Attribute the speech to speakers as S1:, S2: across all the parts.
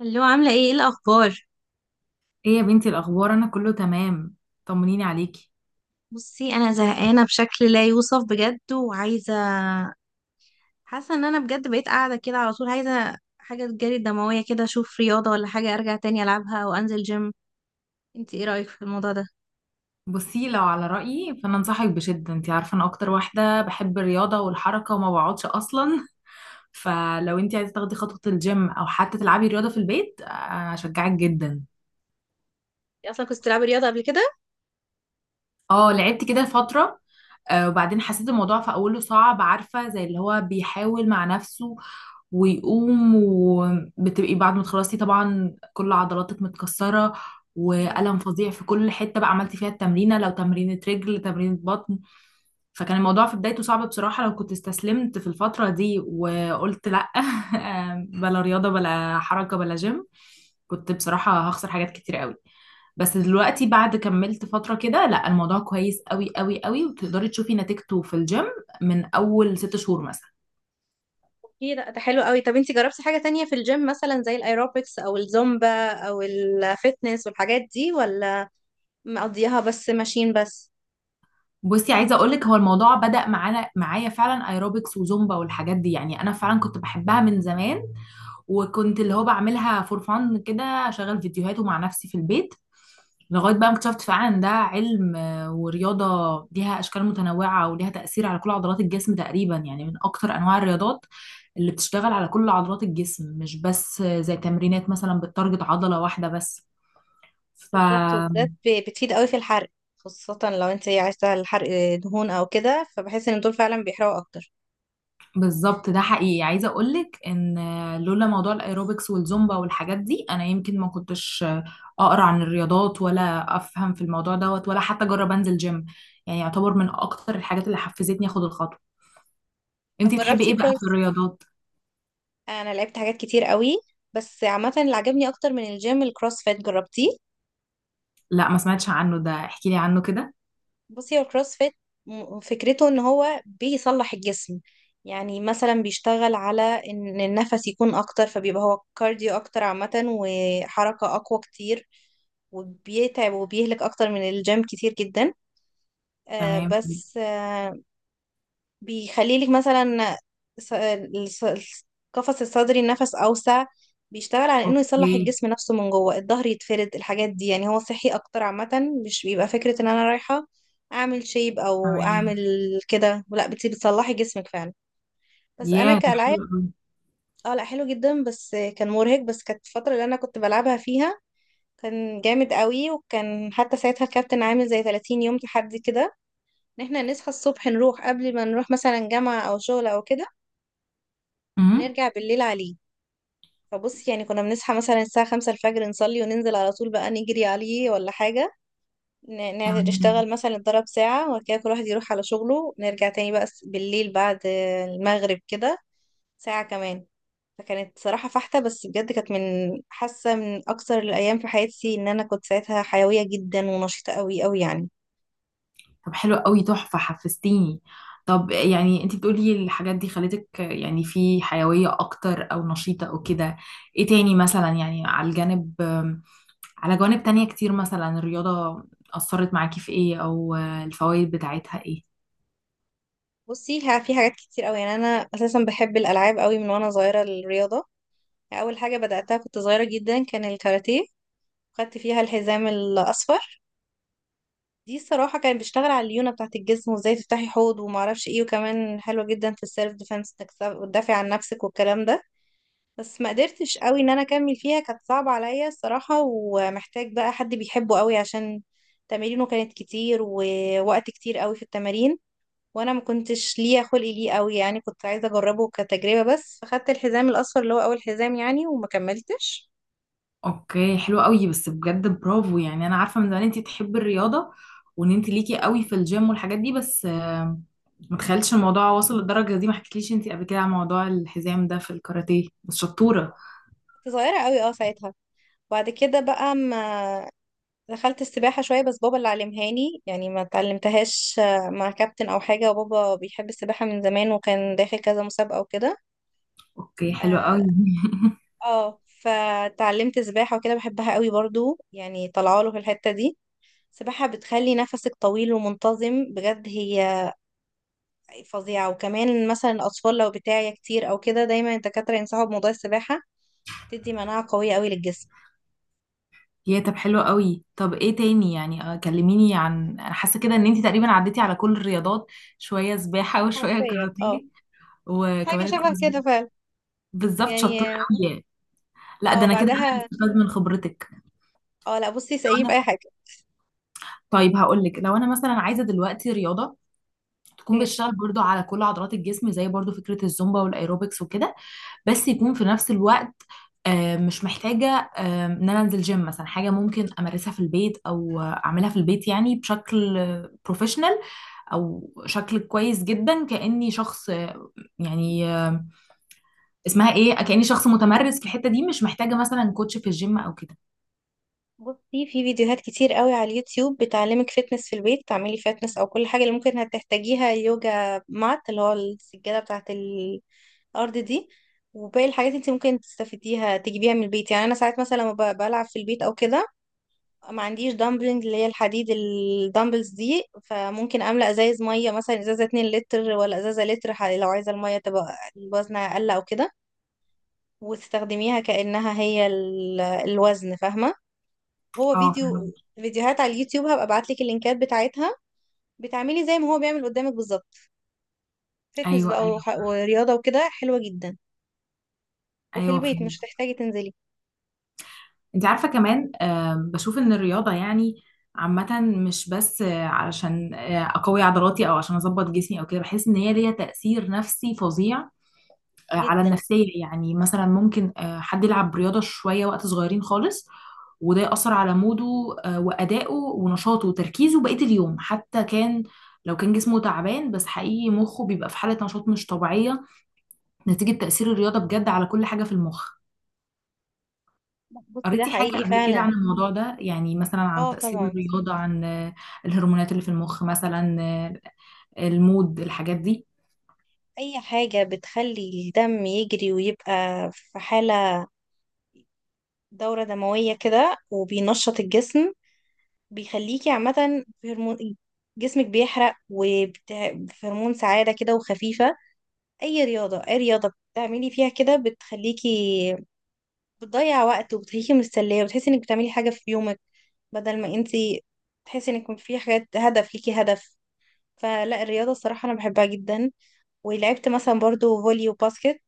S1: اللي هو عاملة ايه ايه الأخبار.
S2: ايه يا بنتي الاخبار، انا كله تمام. طمنيني عليكي.
S1: بصي، أنا زهقانة بشكل لا يوصف بجد وعايزة، حاسة إن أنا بجد بقيت قاعدة كده على طول، عايزة حاجة تجري الدموية كده، أشوف رياضة ولا حاجة أرجع تاني ألعبها وأنزل جيم. انتي ايه رأيك في الموضوع ده؟
S2: بصي، لو على رايي فانا انصحك بشده. انت عارفه انا اكتر واحده بحب الرياضه والحركه وما بقعدش اصلا. فلو انت عايزه تاخدي خطوه الجيم او حتى تلعبي رياضه في البيت، اشجعك جدا.
S1: انتي أصلا كنت بتلعبي رياضة قبل كده؟
S2: اه، لعبت كده فتره. وبعدين حسيت الموضوع في اوله صعب، عارفه زي اللي هو بيحاول مع نفسه ويقوم، وبتبقي بعد ما تخلصي طبعا كل عضلاتك متكسرة
S1: مم.
S2: وألم فظيع في كل حتة بقى عملتي فيها التمرينة، لو تمرينة رجل تمرينة بطن. فكان الموضوع في بدايته صعب بصراحة. لو كنت استسلمت في الفترة دي وقلت لأ بلا رياضة بلا حركة بلا جيم، كنت بصراحة هخسر حاجات كتير قوي. بس دلوقتي بعد كملت فترة كده لا، الموضوع كويس قوي قوي قوي، وتقدري تشوفي نتيجته في الجيم من أول 6 شهور مثلا.
S1: اوكي، لا ده حلو قوي. طب انتي جربتي حاجة تانية في الجيم مثلا زي الايروبكس او الزومبا او الفتنس والحاجات دي، ولا مقضيها بس ماشين بس؟
S2: بصي، عايزه اقول لك هو الموضوع بدأ معايا فعلا ايروبكس وزومبا والحاجات دي. يعني انا فعلا كنت بحبها من زمان، وكنت اللي هو بعملها فور فان كده، اشغل فيديوهاته مع نفسي في البيت، لغايه بقى ما اكتشفت فعلا إن ده علم ورياضه ليها اشكال متنوعه وليها تأثير على كل عضلات الجسم تقريبا. يعني من اكتر انواع الرياضات اللي بتشتغل على كل عضلات الجسم، مش بس زي تمرينات مثلا بتتارجت عضله واحده بس.
S1: بالظبط، وبالذات بتفيد قوي في الحرق، خاصة لو انت ايه عايزة الحرق دهون او كده، فبحس ان دول فعلا بيحرقوا اكتر.
S2: بالظبط، ده حقيقي. عايزه اقولك ان لولا موضوع الايروبكس والزومبا والحاجات دي انا يمكن ما كنتش اقرا عن الرياضات ولا افهم في الموضوع دوت ولا حتى اجرب انزل جيم. يعني يعتبر من اكتر الحاجات اللي حفزتني اخد الخطوه.
S1: طب
S2: انتي تحبي
S1: جربتي
S2: ايه بقى في
S1: كروس؟
S2: الرياضات؟
S1: انا لعبت حاجات كتير قوي، بس عامة اللي عجبني اكتر من الجيم الكروس فيت، جربتيه؟
S2: لا، ما سمعتش عنه، ده احكي لي عنه كده.
S1: بصي هو الكروس فيت، فكرته ان هو بيصلح الجسم، يعني مثلا بيشتغل على ان النفس يكون اكتر، فبيبقى هو كارديو اكتر عامة، وحركة اقوى كتير، وبيتعب وبيهلك اكتر من الجيم كتير جدا. آه،
S2: تمام.
S1: بس آه، بيخليلك مثلا، س- الس- القفص الصدري النفس أوسع، بيشتغل على إنه يصلح
S2: اوكي.
S1: الجسم نفسه من جوه، الظهر يتفرد، الحاجات دي. يعني هو صحي أكتر عامة، مش بيبقى فكرة إن أنا رايحة أعمل شيب أو أعمل
S2: تمام.
S1: كده، لا بتصلحي جسمك فعلا. بس أنا
S2: يا ده
S1: كألعاب،
S2: حلو قوي.
S1: اه لا حلو جدا، بس كان مرهق. بس كانت الفترة اللي أنا كنت بلعبها فيها كان جامد قوي، وكان حتى ساعتها الكابتن عامل زي 30 يوم تحدي كده، ان احنا نصحى الصبح نروح قبل ما نروح مثلا جامعة او شغل او كده،
S2: أمم،
S1: ونرجع بالليل عليه. فبص يعني كنا بنصحى مثلا الساعة 5 الفجر، نصلي وننزل على طول بقى نجري عليه ولا حاجة،
S2: تمام.
S1: نشتغل مثلا، نتدرب ساعة، وبعد كده كل واحد يروح على شغله، نرجع تاني بقى بالليل بعد المغرب كده ساعة كمان. فكانت صراحة فاحتة، بس بجد كانت من حاسة، من أكثر الأيام في حياتي، إن أنا كنت ساعتها حيوية جدا ونشيطة قوي قوي يعني.
S2: طب حلو قوي، تحفة، حفزتيني. طب يعني انت بتقولي الحاجات دي خلتك يعني في حيوية اكتر او نشيطة او كده. ايه تاني مثلا يعني، على الجانب، على جوانب تانية كتير مثلا الرياضة اثرت معاكي في ايه؟ او الفوائد بتاعتها ايه؟
S1: بصي، في حاجات كتير قوي. يعني أنا أساسا بحب الألعاب قوي من وأنا صغيرة. الرياضة أول حاجة بدأتها كنت صغيرة جدا كان الكاراتيه، خدت فيها الحزام الاصفر. دي الصراحه كان بيشتغل على الليونه بتاعه الجسم، وازاي تفتحي حوض وما اعرفش ايه، وكمان حلوه جدا في السيلف ديفense، انك تدافعي عن نفسك والكلام ده. بس ما قدرتش قوي ان انا اكمل فيها، كانت صعبه عليا الصراحه، ومحتاج بقى حد بيحبه قوي، عشان تمارينه كانت كتير، ووقت كتير قوي في التمارين، وانا ما كنتش ليا خلق ليه قوي. يعني كنت عايزه اجربه كتجربه بس، فخدت الحزام الاصفر اللي هو اول حزام يعني، وما كملتش.
S2: اوكي، حلو قوي، بس بجد برافو. يعني انا عارفة من زمان انت تحبي الرياضة وان انت ليكي قوي في الجيم والحاجات دي، بس ما تخيلش الموضوع واصل للدرجة دي. ما حكيتليش انت قبل كده عن موضوع الحزام ده في الكاراتيه. بس شطورة.
S1: كنت صغيره قوي اه ساعتها. بعد كده بقى ما دخلت السباحة شوية، بس بابا اللي علمهاني، يعني ما اتعلمتهاش مع كابتن أو حاجة، وبابا بيحب السباحة من زمان وكان داخل كذا مسابقة وكده.
S2: اوكي حلو
S1: اه.
S2: قوي.
S1: فتعلمت سباحة وكده، بحبها قوي برضو يعني، طلعوا له في الحتة دي. السباحة بتخلي نفسك طويل ومنتظم، بجد هي فظيعة. وكمان مثلا الأطفال لو بتاعي كتير أو كده، دايما الدكاترة ينصحوا بموضوع السباحة، بتدي مناعة قوية قوي للجسم.
S2: يا طب حلو قوي، طب ايه تاني يعني، كلميني. عن انا حاسه كده ان انت تقريبا عديتي على كل الرياضات، شويه سباحه وشويه
S1: حرفيا اه.
S2: كاراتيه وكمان
S1: حاجة شبه
S2: الكروس
S1: كده فعلا.
S2: بالظبط،
S1: يعني
S2: شطوره قوي يعني. لا، ده
S1: اه
S2: انا كده انا اللي
S1: بعدها،
S2: استفاد من خبرتك.
S1: اه لا بصي
S2: لو
S1: سقيف أي
S2: انا
S1: حاجة.
S2: طيب هقول لك، لو انا مثلا عايزه دلوقتي رياضه تكون
S1: اوكي،
S2: بتشتغل برضو على كل عضلات الجسم، زي برضو فكره الزومبا والايروبكس وكده، بس يكون في نفس الوقت مش محتاجة إن أنا أنزل جيم مثلا. حاجة ممكن أمارسها في البيت، أو أعملها في البيت يعني بشكل بروفيشنال، أو شكل كويس جدا، كأني شخص يعني اسمها إيه، كأني شخص متمرس في الحتة دي، مش محتاجة مثلا كوتش في الجيم أو كده.
S1: بصي في فيديوهات كتير قوي على اليوتيوب بتعلمك فتنس في البيت، تعملي فتنس او كل حاجه اللي ممكن هتحتاجيها، يوجا مات اللي هو السجاده بتاعه الارض دي، وباقي الحاجات انت ممكن تستفيديها تجيبيها من البيت. يعني انا ساعات مثلا لما بلعب في البيت او كده، ما عنديش دامبلنج اللي هي الحديد، الدامبلز دي، فممكن املى ازايز ميه، مثلا ازازه 2 لتر ولا ازازه لتر، لو عايزه الميه تبقى الوزن اقل او كده، وتستخدميها كانها هي الوزن، فاهمه؟ هو
S2: اه
S1: فيديو،
S2: فهمت.
S1: فيديوهات على اليوتيوب، هبقى ابعت لك اللينكات بتاعتها، بتعملي زي ما هو بيعمل قدامك بالظبط. فتنس
S2: أيوه
S1: بقى
S2: أيوه
S1: ورياضه وكده حلوه جدا، وفي
S2: أيوه
S1: البيت مش
S2: فهمت.
S1: هتحتاجي تنزلي.
S2: انت عارفة كمان بشوف ان الرياضة يعني عامة، مش بس علشان اقوي عضلاتي او عشان اظبط جسمي او كده، بحس ان هي ليها تأثير نفسي فظيع على
S1: جدا.
S2: النفسية. يعني مثلا ممكن حد يلعب رياضة شوية وقت صغيرين خالص، وده يأثر على موده وأدائه ونشاطه وتركيزه بقية اليوم، حتى كان لو كان جسمه تعبان، بس حقيقي مخه بيبقى في حالة نشاط مش طبيعية نتيجة تأثير الرياضة بجد على كل حاجة في المخ.
S1: لا، بصي ده
S2: قريتي حاجة
S1: حقيقي
S2: قبل كده عن
S1: فعلا.
S2: الموضوع ده؟ يعني مثلا عن
S1: اه
S2: تأثير
S1: طبعا.
S2: الرياضة، عن الهرمونات اللي في المخ مثلا، المود الحاجات دي.
S1: اي حاجه بتخلي الدم يجري ويبقى في حاله، دوره دمويه كده وبينشط الجسم، بيخليكي عامه في هرمون جسمك بيحرق، وفي هرمون سعاده كده وخفيفه. اي رياضه، اي رياضه بتعملي فيها كده بتخليكي بتضيع وقت، وبتخليكي مستنيه، وبتحسي انك بتعملي حاجه في يومك، بدل ما انتي تحسي انك في حاجات، هدف ليكي هدف. فلا الرياضه الصراحه انا بحبها جدا. ولعبت مثلا برضو فولي وباسكت،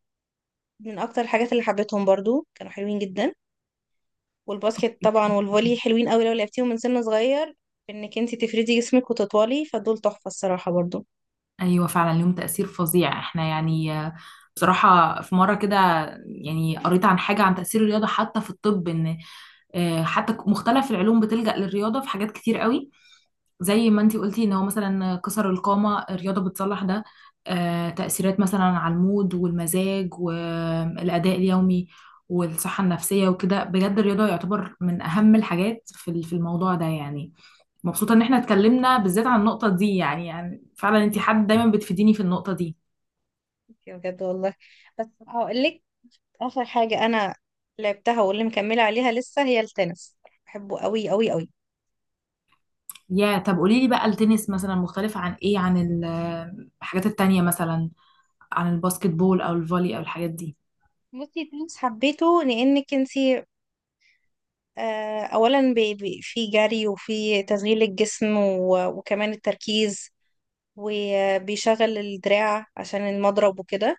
S1: من اكتر الحاجات اللي حبيتهم برضو، كانوا حلوين جدا. والباسكت طبعا
S2: أوكي.
S1: والفولي حلوين قوي لو لعبتيهم من سن صغير، انك انتي تفردي جسمك وتطولي، فدول تحفه الصراحه برضو.
S2: أيوة فعلا ليهم تأثير فظيع. احنا يعني بصراحة في مرة كده يعني قريت عن حاجة عن تأثير الرياضة حتى في الطب. إن حتى مختلف العلوم بتلجأ للرياضة في حاجات كتير قوي، زي ما انتي قلتي ان هو مثلا كسر القامة الرياضة بتصلح ده. تأثيرات مثلا على المود والمزاج والأداء اليومي والصحة النفسية وكده، بجد الرياضة يعتبر من أهم الحاجات في في الموضوع ده يعني. مبسوطة إن احنا اتكلمنا بالذات عن النقطة دي، يعني فعلا انتي حد دايما بتفيديني في النقطة دي.
S1: بجد والله. بس هقول لك، اخر حاجه انا لعبتها واللي مكمله عليها لسه هي التنس، بحبه قوي قوي قوي.
S2: يا طب قولي لي بقى، التنس مثلا مختلف عن ايه؟ عن الحاجات التانية مثلا، عن الباسكت بول أو الفولي أو الحاجات دي.
S1: بصي تنس حبيته لانك انتي اولا في جري وفي تشغيل الجسم، وكمان التركيز، وبيشغل الدراع عشان المضرب وكده.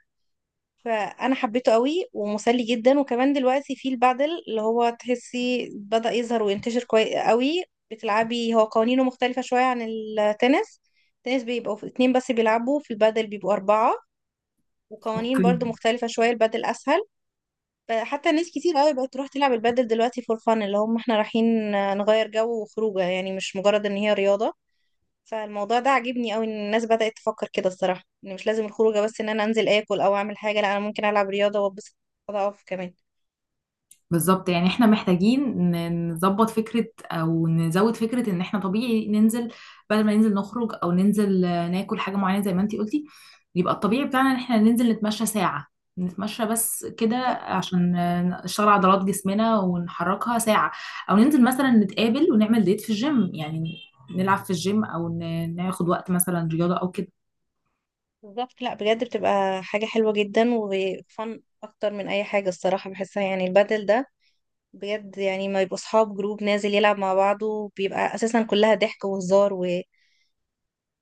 S1: فانا حبيته قوي ومسلي جدا. وكمان دلوقتي في البادل، اللي هو تحسي بدأ يظهر وينتشر كويس قوي، بتلعبي، هو قوانينه مختلفة شوية عن التنس. التنس بيبقوا اتنين بس بيلعبوا، في البادل بيبقوا أربعة، وقوانين
S2: اوكي.
S1: برضو مختلفة شوية، البادل أسهل. حتى ناس كتير قوي بقت تروح تلعب البادل دلوقتي فور فان، اللي هم احنا رايحين نغير جو وخروجه، يعني مش مجرد ان هي رياضة. فالموضوع ده عاجبني قوي، ان الناس بدأت تفكر كده الصراحة، ان مش لازم الخروجه بس ان انا انزل اكل او اعمل حاجة، لا انا ممكن العب رياضة واتبسط، اقف كمان.
S2: بالظبط، يعني احنا محتاجين نظبط فكرة او نزود فكرة ان احنا طبيعي ننزل. بدل ما ننزل نخرج، او ننزل ناكل حاجة معينة زي ما انتي قلتي، يبقى الطبيعي بتاعنا ان احنا ننزل نتمشى ساعة. نتمشى بس كده
S1: صح.
S2: عشان نشتغل عضلات جسمنا ونحركها ساعة، او ننزل مثلا نتقابل ونعمل ديت في الجيم. يعني نلعب في الجيم، او ناخد وقت مثلا رياضة او كده.
S1: بالظبط، لا بجد بتبقى حاجة حلوة جدا، وفن اكتر من اي حاجة الصراحة بحسها، يعني البادل ده بجد، يعني ما يبقوا اصحاب جروب نازل يلعب مع بعضه، بيبقى اساسا كلها ضحك وهزار، و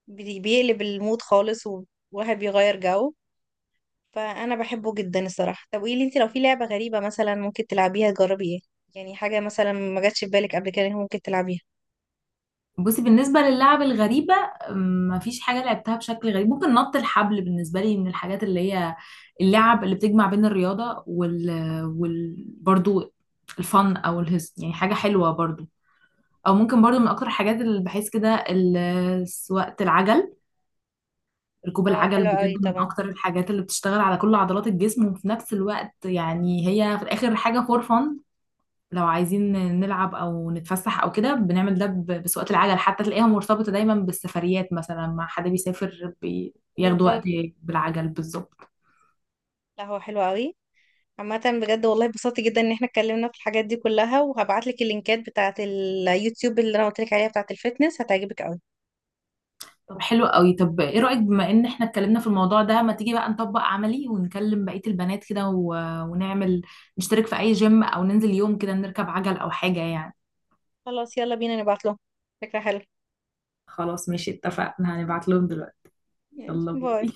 S1: بيقلب المود خالص، وواحد بيغير جو، فانا بحبه جدا الصراحه. طب قولي لي انت، لو في لعبه غريبه مثلا ممكن تلعبيها، تجربي ايه؟ يعني حاجه مثلا ما جاتش في بالك قبل كده إن ممكن تلعبيها.
S2: بصي، بالنسبة للعب الغريبة مفيش حاجة لعبتها بشكل غريب. ممكن نط الحبل بالنسبة لي من الحاجات اللي هي اللعب اللي بتجمع بين الرياضة وال... برضو الفن أو الهز، يعني حاجة حلوة برضو. أو ممكن برضو من أكتر الحاجات اللي بحس كده سواقة العجل. ركوب
S1: اه
S2: العجل
S1: حلو
S2: بجد
S1: قوي
S2: من
S1: طبعا.
S2: أكتر الحاجات اللي بتشتغل على كل عضلات الجسم وفي نفس الوقت يعني هي في الآخر حاجة فور فن. لو عايزين نلعب او نتفسح او كده بنعمل ده بسواقة العجل، حتى تلاقيها مرتبطة دايما بالسفريات، مثلا مع حد بيسافر بياخدوا وقت
S1: بالظبط.
S2: بالعجل. بالظبط.
S1: لا هو حلو قوي عامه. بجد والله، اتبسطت جدا ان احنا اتكلمنا في الحاجات دي كلها، وهبعت لك اللينكات بتاعه اليوتيوب اللي انا قلت لك عليها، بتاعه الفيتنس، هتعجبك قوي.
S2: طب حلو قوي. طب ايه رأيك، بما ان احنا اتكلمنا في الموضوع ده، ما تيجي بقى نطبق عملي ونكلم بقية البنات كده ونعمل نشترك في اي جيم، او ننزل يوم كده نركب عجل او حاجة يعني.
S1: خلاص، يلا بينا، نبعت لهم. فكره حلوه.
S2: خلاص ماشي اتفقنا، هنبعت لهم دلوقتي.
S1: يعني
S2: يلا باي.
S1: باي.